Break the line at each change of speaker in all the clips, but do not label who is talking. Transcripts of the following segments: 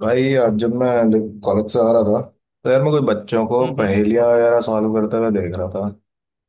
भाई, आज जब मैं कॉलेज से आ रहा था तो यार मैं कुछ बच्चों को
हम्म।
पहेलियां वगैरह सॉल्व करते हुए देख रहा था।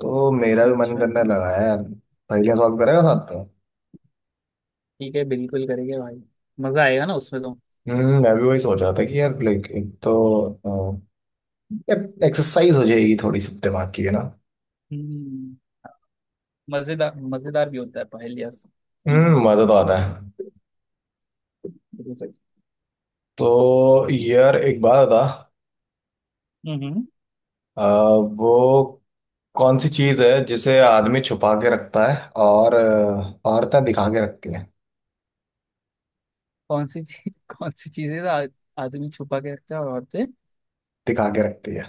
तो मेरा भी मन
अच्छा
करने
अच्छा।
लगा है यार पहेलियां सॉल्व करेगा साथ में।
ठीक है, बिल्कुल करेंगे भाई। मजा आएगा ना उसमें तो।
मैं भी वही सोच रहा था कि यार लाइक एक तो एक्सरसाइज हो जाएगी थोड़ी सी दिमाग की, है ना।
हम्म। मजेदार मजेदार भी होता है पहेलियाँ से सुलझाना।
मजा तो आता है।
बिल्कुल सही।
तो यार एक बात बता।
हम्म।
अ, वो कौन सी चीज है जिसे आदमी छुपा के रखता है और औरतें दिखा के रखती हैं।
कौन सी चीज कौन सी चीजें आदमी छुपा के रखता है और औरतें।
दिखा के रखती है।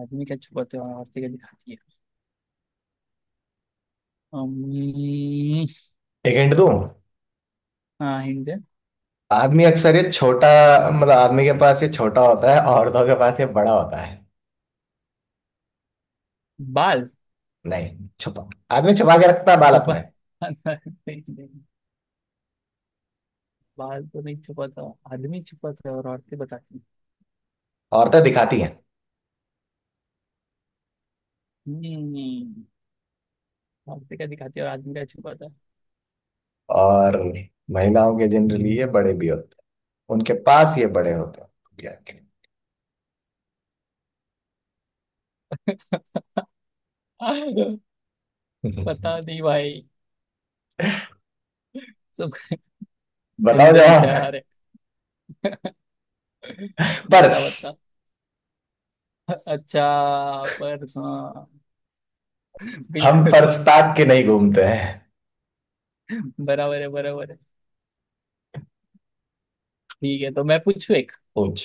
आदमी क्या छुपाते हैं और औरतें क्या दिखाती है। अम्म,
एक हिंट दूं।
हाँ हिंट दे।
आदमी अक्सर ये छोटा, मतलब आदमी के पास ये छोटा होता है, औरतों के पास ये बड़ा होता है।
बाल।
नहीं छुपा। आदमी छुपा के रखता है बाल
छुपा।
अपने।
नहीं, नहीं, बाल तो नहीं छुपाता। आदमी छुपाता है और औरतें बताती हैं।
औरतें दिखाती हैं।
हम्म। औरतें क्या दिखाती है और आदमी क्या छुपाता।
और महिलाओं के जनरली ये बड़े भी होते हैं, उनके पास ये बड़े होते हैं दुनिया के।
है बता दी भाई, सब
बताओ
गंदे
जवाब।
विचार है। बता
पर्स।
बता। अच्छा, पर हाँ,
हम
बिल्कुल
पर्स
भाई।
पैक के नहीं घूमते हैं।
बराबर है बराबर है। ठीक है, तो मैं पूछू एक।
पूछ।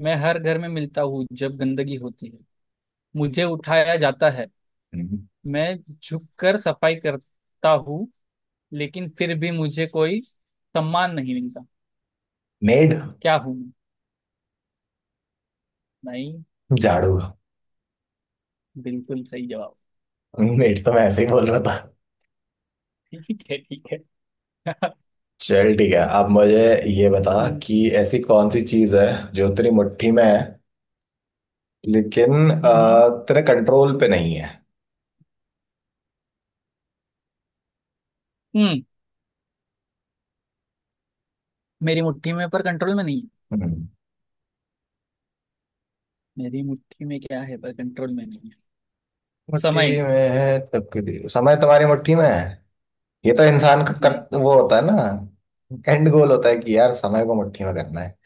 मैं हर घर में मिलता हूँ जब गंदगी होती है। मुझे उठाया जाता है। मैं झुककर सफाई करता हूँ। लेकिन फिर भी मुझे कोई सम्मान नहीं मिलता।
मेड।
क्या हूँ मैं? नहीं।
झाड़ू।
बिल्कुल सही जवाब।
मेड तो मैं ऐसे ही बोल रहा था।
ठीक है ठीक है।
चल ठीक है, अब मुझे ये बता
हम्म
कि ऐसी कौन सी चीज है जो तेरी मुट्ठी में है लेकिन
हम्म हम्म।
तेरे कंट्रोल पे नहीं है।
हम्म। मेरी मुट्ठी में, पर कंट्रोल में नहीं।
हम्म।
मेरी मुट्ठी में क्या है पर कंट्रोल में नहीं है?
मुट्ठी
समय।
में है तकदीर, समय तुम्हारी मुट्ठी में है। ये तो इंसान का
नहीं।
वो होता है ना एंड गोल होता है कि यार समय को मुट्ठी में करना है।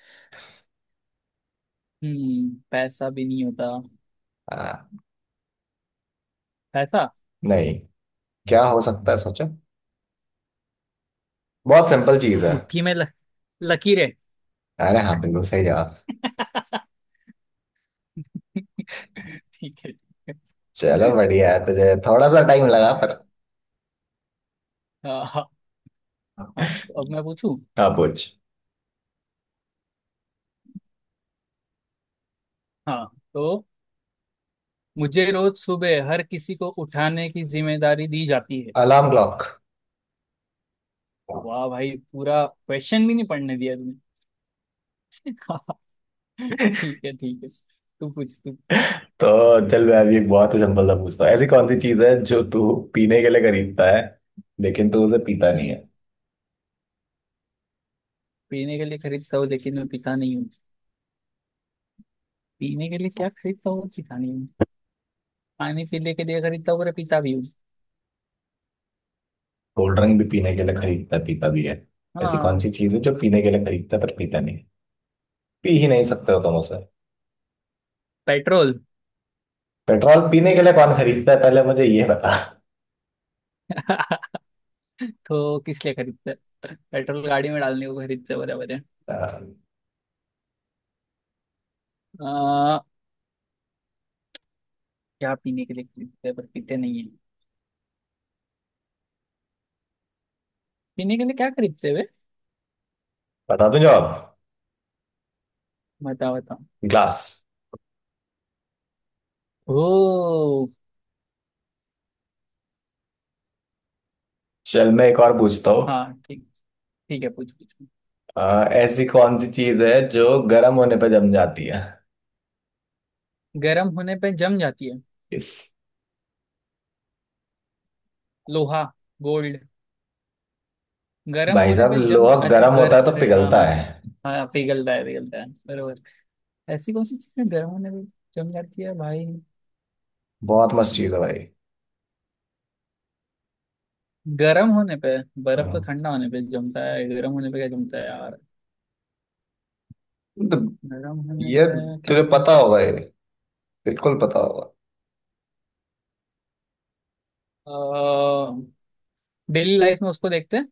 पैसा भी नहीं होता।
हाँ,
पैसा।
नहीं। क्या हो सकता है सोचो, बहुत सिंपल चीज है।
मुट्ठी में लकीर है।
अरे हाँ, बिल्कुल सही जवाब।
ठीक है ठीक है।
चलो बढ़िया है, तुझे थोड़ा सा टाइम लगा पर।
हाँ हाँ। हाँ, तो अब मैं पूछूं।
हाँ पूछ।
हाँ। तो मुझे रोज सुबह हर किसी को उठाने की जिम्मेदारी दी जाती है।
Alarm clock.
वाह भाई, पूरा क्वेश्चन भी नहीं पढ़ने दिया तुमने। हाँ, ठीक है ठीक है। तू पूछ तू।
तो चल, मैं अभी एक बहुत ही सिंपल सा पूछता हूँ। ऐसी कौन सी चीज है जो तू पीने के लिए खरीदता है लेकिन तू उसे पीता नहीं
हम्म।
है।
पीने के लिए खरीदता हूँ लेकिन मैं पीता नहीं हूँ। पीने के लिए क्या खरीदता हूँ पीता नहीं? पानी पीने के लिए खरीदता हूँ, मेरे पिता भी हूँ।
कोल्ड ड्रिंक भी पीने के लिए खरीदता पीता भी है। ऐसी कौन
हाँ,
सी चीज है जो पीने के लिए खरीदता है पर पीता नहीं। पी ही नहीं सकते हो तुम उसे।
पेट्रोल।
पेट्रोल पीने के लिए कौन खरीदता है, पहले मुझे ये बता।
तो किस लिए खरीदते हैं? पेट्रोल गाड़ी में डालने को खरीदते हैं, बराबर है।
अ,
आ, क्या पीने के लिए खरीदते हैं पर पीते नहीं है? पीने के लिए क्या खरीदते हैं वे?
बता दूं जवाब।
बताओ बताओ।
ग्लास।
ओ।
चल मैं एक और पूछता हूँ।
हाँ ठीक। ठीक है, पूछ पूछ।
ऐसी कौन सी चीज है जो गर्म होने पर जम जाती है।
गर्म होने पे जम जाती है?
इस
लोहा। गोल्ड। गर्म
भाई
होने
साहब,
पे जम,
लोहा
अच्छा,
गर्म
गर
होता है तो
अरे हाँ
पिघलता
हाँ।
है।
हाँ, पिघलता है पिघलता है, बराबर। ऐसी कौन सी चीज है गर्म होने पे जम जाती है भाई?
बहुत मस्त चीज है भाई।
गर्म होने पे, बर्फ तो
हाँ।
ठंडा होने पे जमता है, गर्म होने पे क्या जमता है यार?
मतलब,
गर्म होने
ये
पे
तुझे
क्या
पता
जमता
होगा, ये बिल्कुल पता होगा।
है? डेली लाइफ में उसको देखते हैं।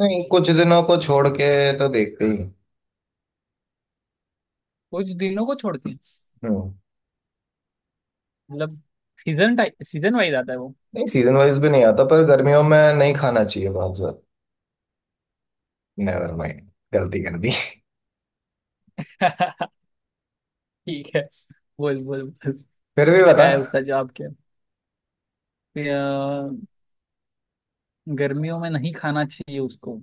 नहीं कुछ दिनों को छोड़ के तो देखते ही।
कुछ दिनों को छोड़ के,
हम्म।
मतलब सीजन टाइप, सीजन वाइज आता है वो?
नहीं, सीजन वाइज भी नहीं आता पर गर्मियों में नहीं खाना चाहिए बहुत ज्यादा। Never mind. गलती कर दी।
ठीक है, बोल बोल बोल।
फिर भी बता।
क्या है उसका जवाब, क्या है? कि, गर्मियों में नहीं खाना चाहिए उसको।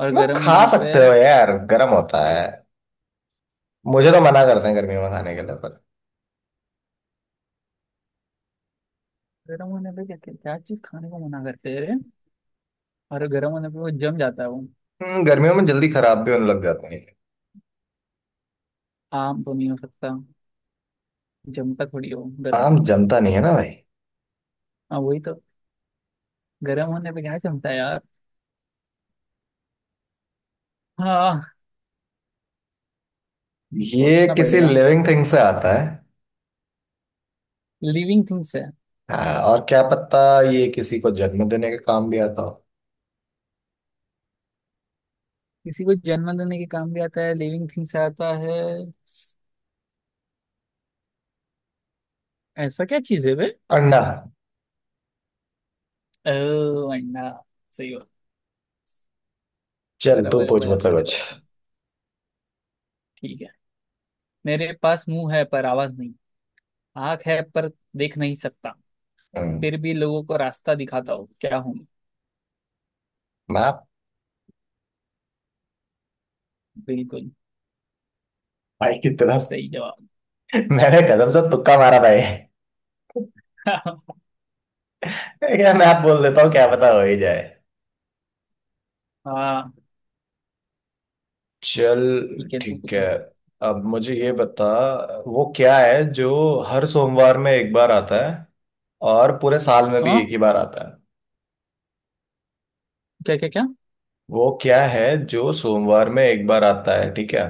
और
मतलब
गर्म
खा
होने पे।
सकते हो यार, गर्म होता है। मुझे तो मना करते हैं गर्मियों में खाने के लिए पर।
गर्म होने पे क्या क्या, क्या चीज खाने को मना करते हैं रे? और गर्म होने पे वो जम जाता है वो।
गर्मियों में जल्दी खराब भी होने लग जाते हैं।
आम तो नहीं हो सकता। जमता थोड़ी हो गर्म
आम
होने पे।
जमता नहीं है ना भाई।
हाँ वही तो। गर्म होने पे क्या जमता है यार? हाँ,
ये
सोचना
किसी
पड़ेगा।
लिविंग थिंग से आता है।
लिविंग थिंग्स है।
हाँ, और क्या पता ये किसी को जन्म देने का काम भी आता हो।
किसी को जन्म देने के काम भी आता है, लिविंग थिंग्स आता है। ऐसा क्या चीज है बे?
अंडा।
ओ, अंडा। सही हो।
चल तू
बराबर है,
पूछ मुझसे
बराबर है,
कुछ।
बराबर। ठीक है। मेरे पास मुंह है पर आवाज नहीं, आंख है पर देख नहीं सकता,
हम्म।
फिर भी लोगों को रास्ता दिखाता हूँ। क्या हूँ मैं?
मैं।
बिल्कुल
भाई कितना।
सही जवाब।
मैंने कदम से तुक्का मारा था ये। यार मैं आप बोल देता हूँ, क्या पता हो ही जाए।
हाँ,
चल।
ठीक है, तू
ठीक है,
पूछो।
अब मुझे ये बता, वो क्या है जो हर सोमवार में एक बार आता है और पूरे साल में भी
हाँ,
एक ही बार आता है।
क्या क्या क्या?
वो क्या है जो सोमवार में एक बार आता है, ठीक है।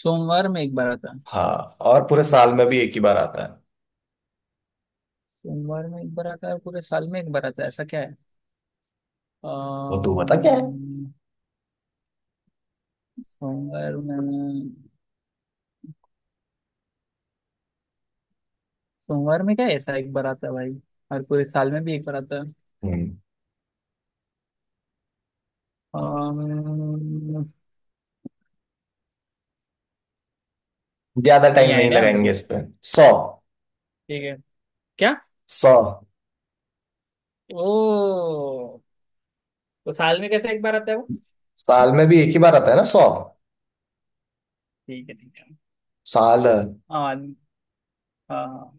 सोमवार में एक बार आता है?
हाँ, और पूरे साल में भी एक ही बार आता है।
सोमवार में एक बार आता है और पूरे साल में एक बार आता है, ऐसा क्या है?
वो तू बता क्या है।
अम्म, सोमवार में, क्या है ऐसा एक बार आता है भाई? और पूरे साल में भी एक बार आता है।
हम्म।
अम्म,
ज्यादा
नहीं
टाइम नहीं
आइडिया मेरे
लगाएंगे
को।
इस पे। सौ।
ठीक है। क्या?
सौ।
ओ। तो साल में कैसे एक बार आता है वो?
साल में भी एक ही बार आता है ना, सौ।
ठीक है ठीक है।
साल।
हाँ हाँ हाँ।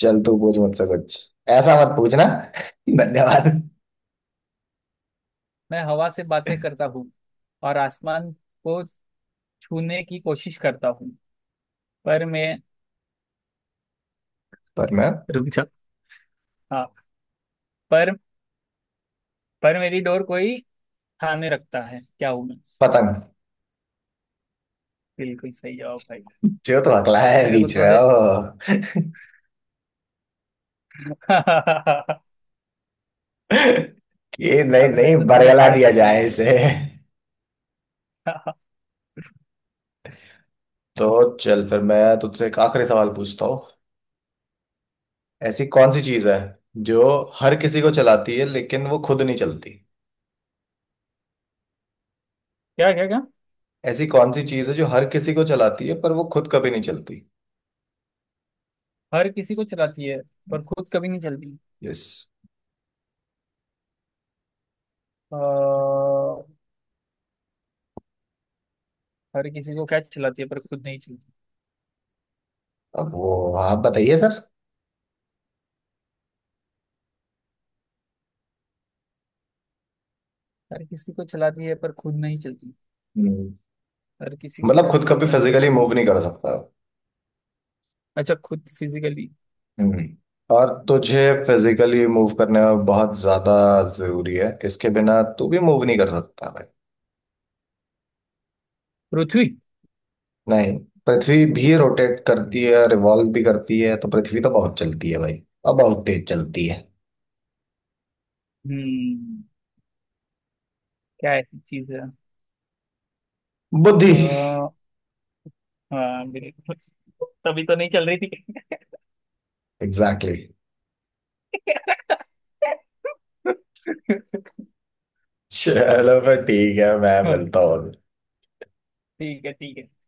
चल तू पूछ मुझसे कुछ, ऐसा मत पूछना। धन्यवाद।
मैं हवा से बातें करता हूँ और आसमान को छूने की कोशिश करता हूँ, पर मैं,
पर मैं।
रुक जा, हाँ, पर पर मेरी डोर कोई खाने रखता है, क्या हूं मैं?
पतंग।
बिल्कुल सही जवाब भाई।
जो तो अगला
अभी
है
मेरे को
बीच में
थोड़े।
ओ। कि नहीं,
अभी
नहीं,
मेरे को थोड़े
बरगला
हार्ड
दिया
क्वेश्चन
जाए
पूछने पड़े।
इसे। तो चल फिर मैं तुझसे एक आखिरी सवाल पूछता हूँ। ऐसी कौन सी चीज है जो हर किसी को चलाती है लेकिन वो खुद नहीं चलती।
क्या क्या क्या?
ऐसी कौन सी चीज है जो हर किसी को चलाती है पर वो खुद कभी नहीं चलती।
हर किसी को चलाती है पर खुद कभी नहीं चलती?
यस।
अह। हर किसी को क्या चलाती है पर खुद नहीं चलती?
अब वो आप बताइए सर।
हर किसी को चलाती है पर खुद नहीं चलती?
हम्म।
हर किसी को
मतलब
क्या
खुद कभी
चलाता है पर
फिजिकली
खुद
मूव
नहीं?
नहीं कर सकता।
अच्छा, खुद फिजिकली।
हम्म। और तुझे फिजिकली मूव करने में बहुत ज्यादा जरूरी है, इसके बिना तू भी मूव नहीं कर सकता भाई।
पृथ्वी।
नहीं। पृथ्वी भी रोटेट करती है, रिवॉल्व भी करती है, तो पृथ्वी तो बहुत चलती है भाई और बहुत तेज चलती है।
हम्म। क्या ऐसी चीज है?
बुद्धि।
अह, हाँ बिल्कुल। तभी तो नहीं चल रही थी।
Exactly exactly। चलो फिर ठीक है, मैं
हाँ,
मिलता हूँ।
ठीक है ठीक है।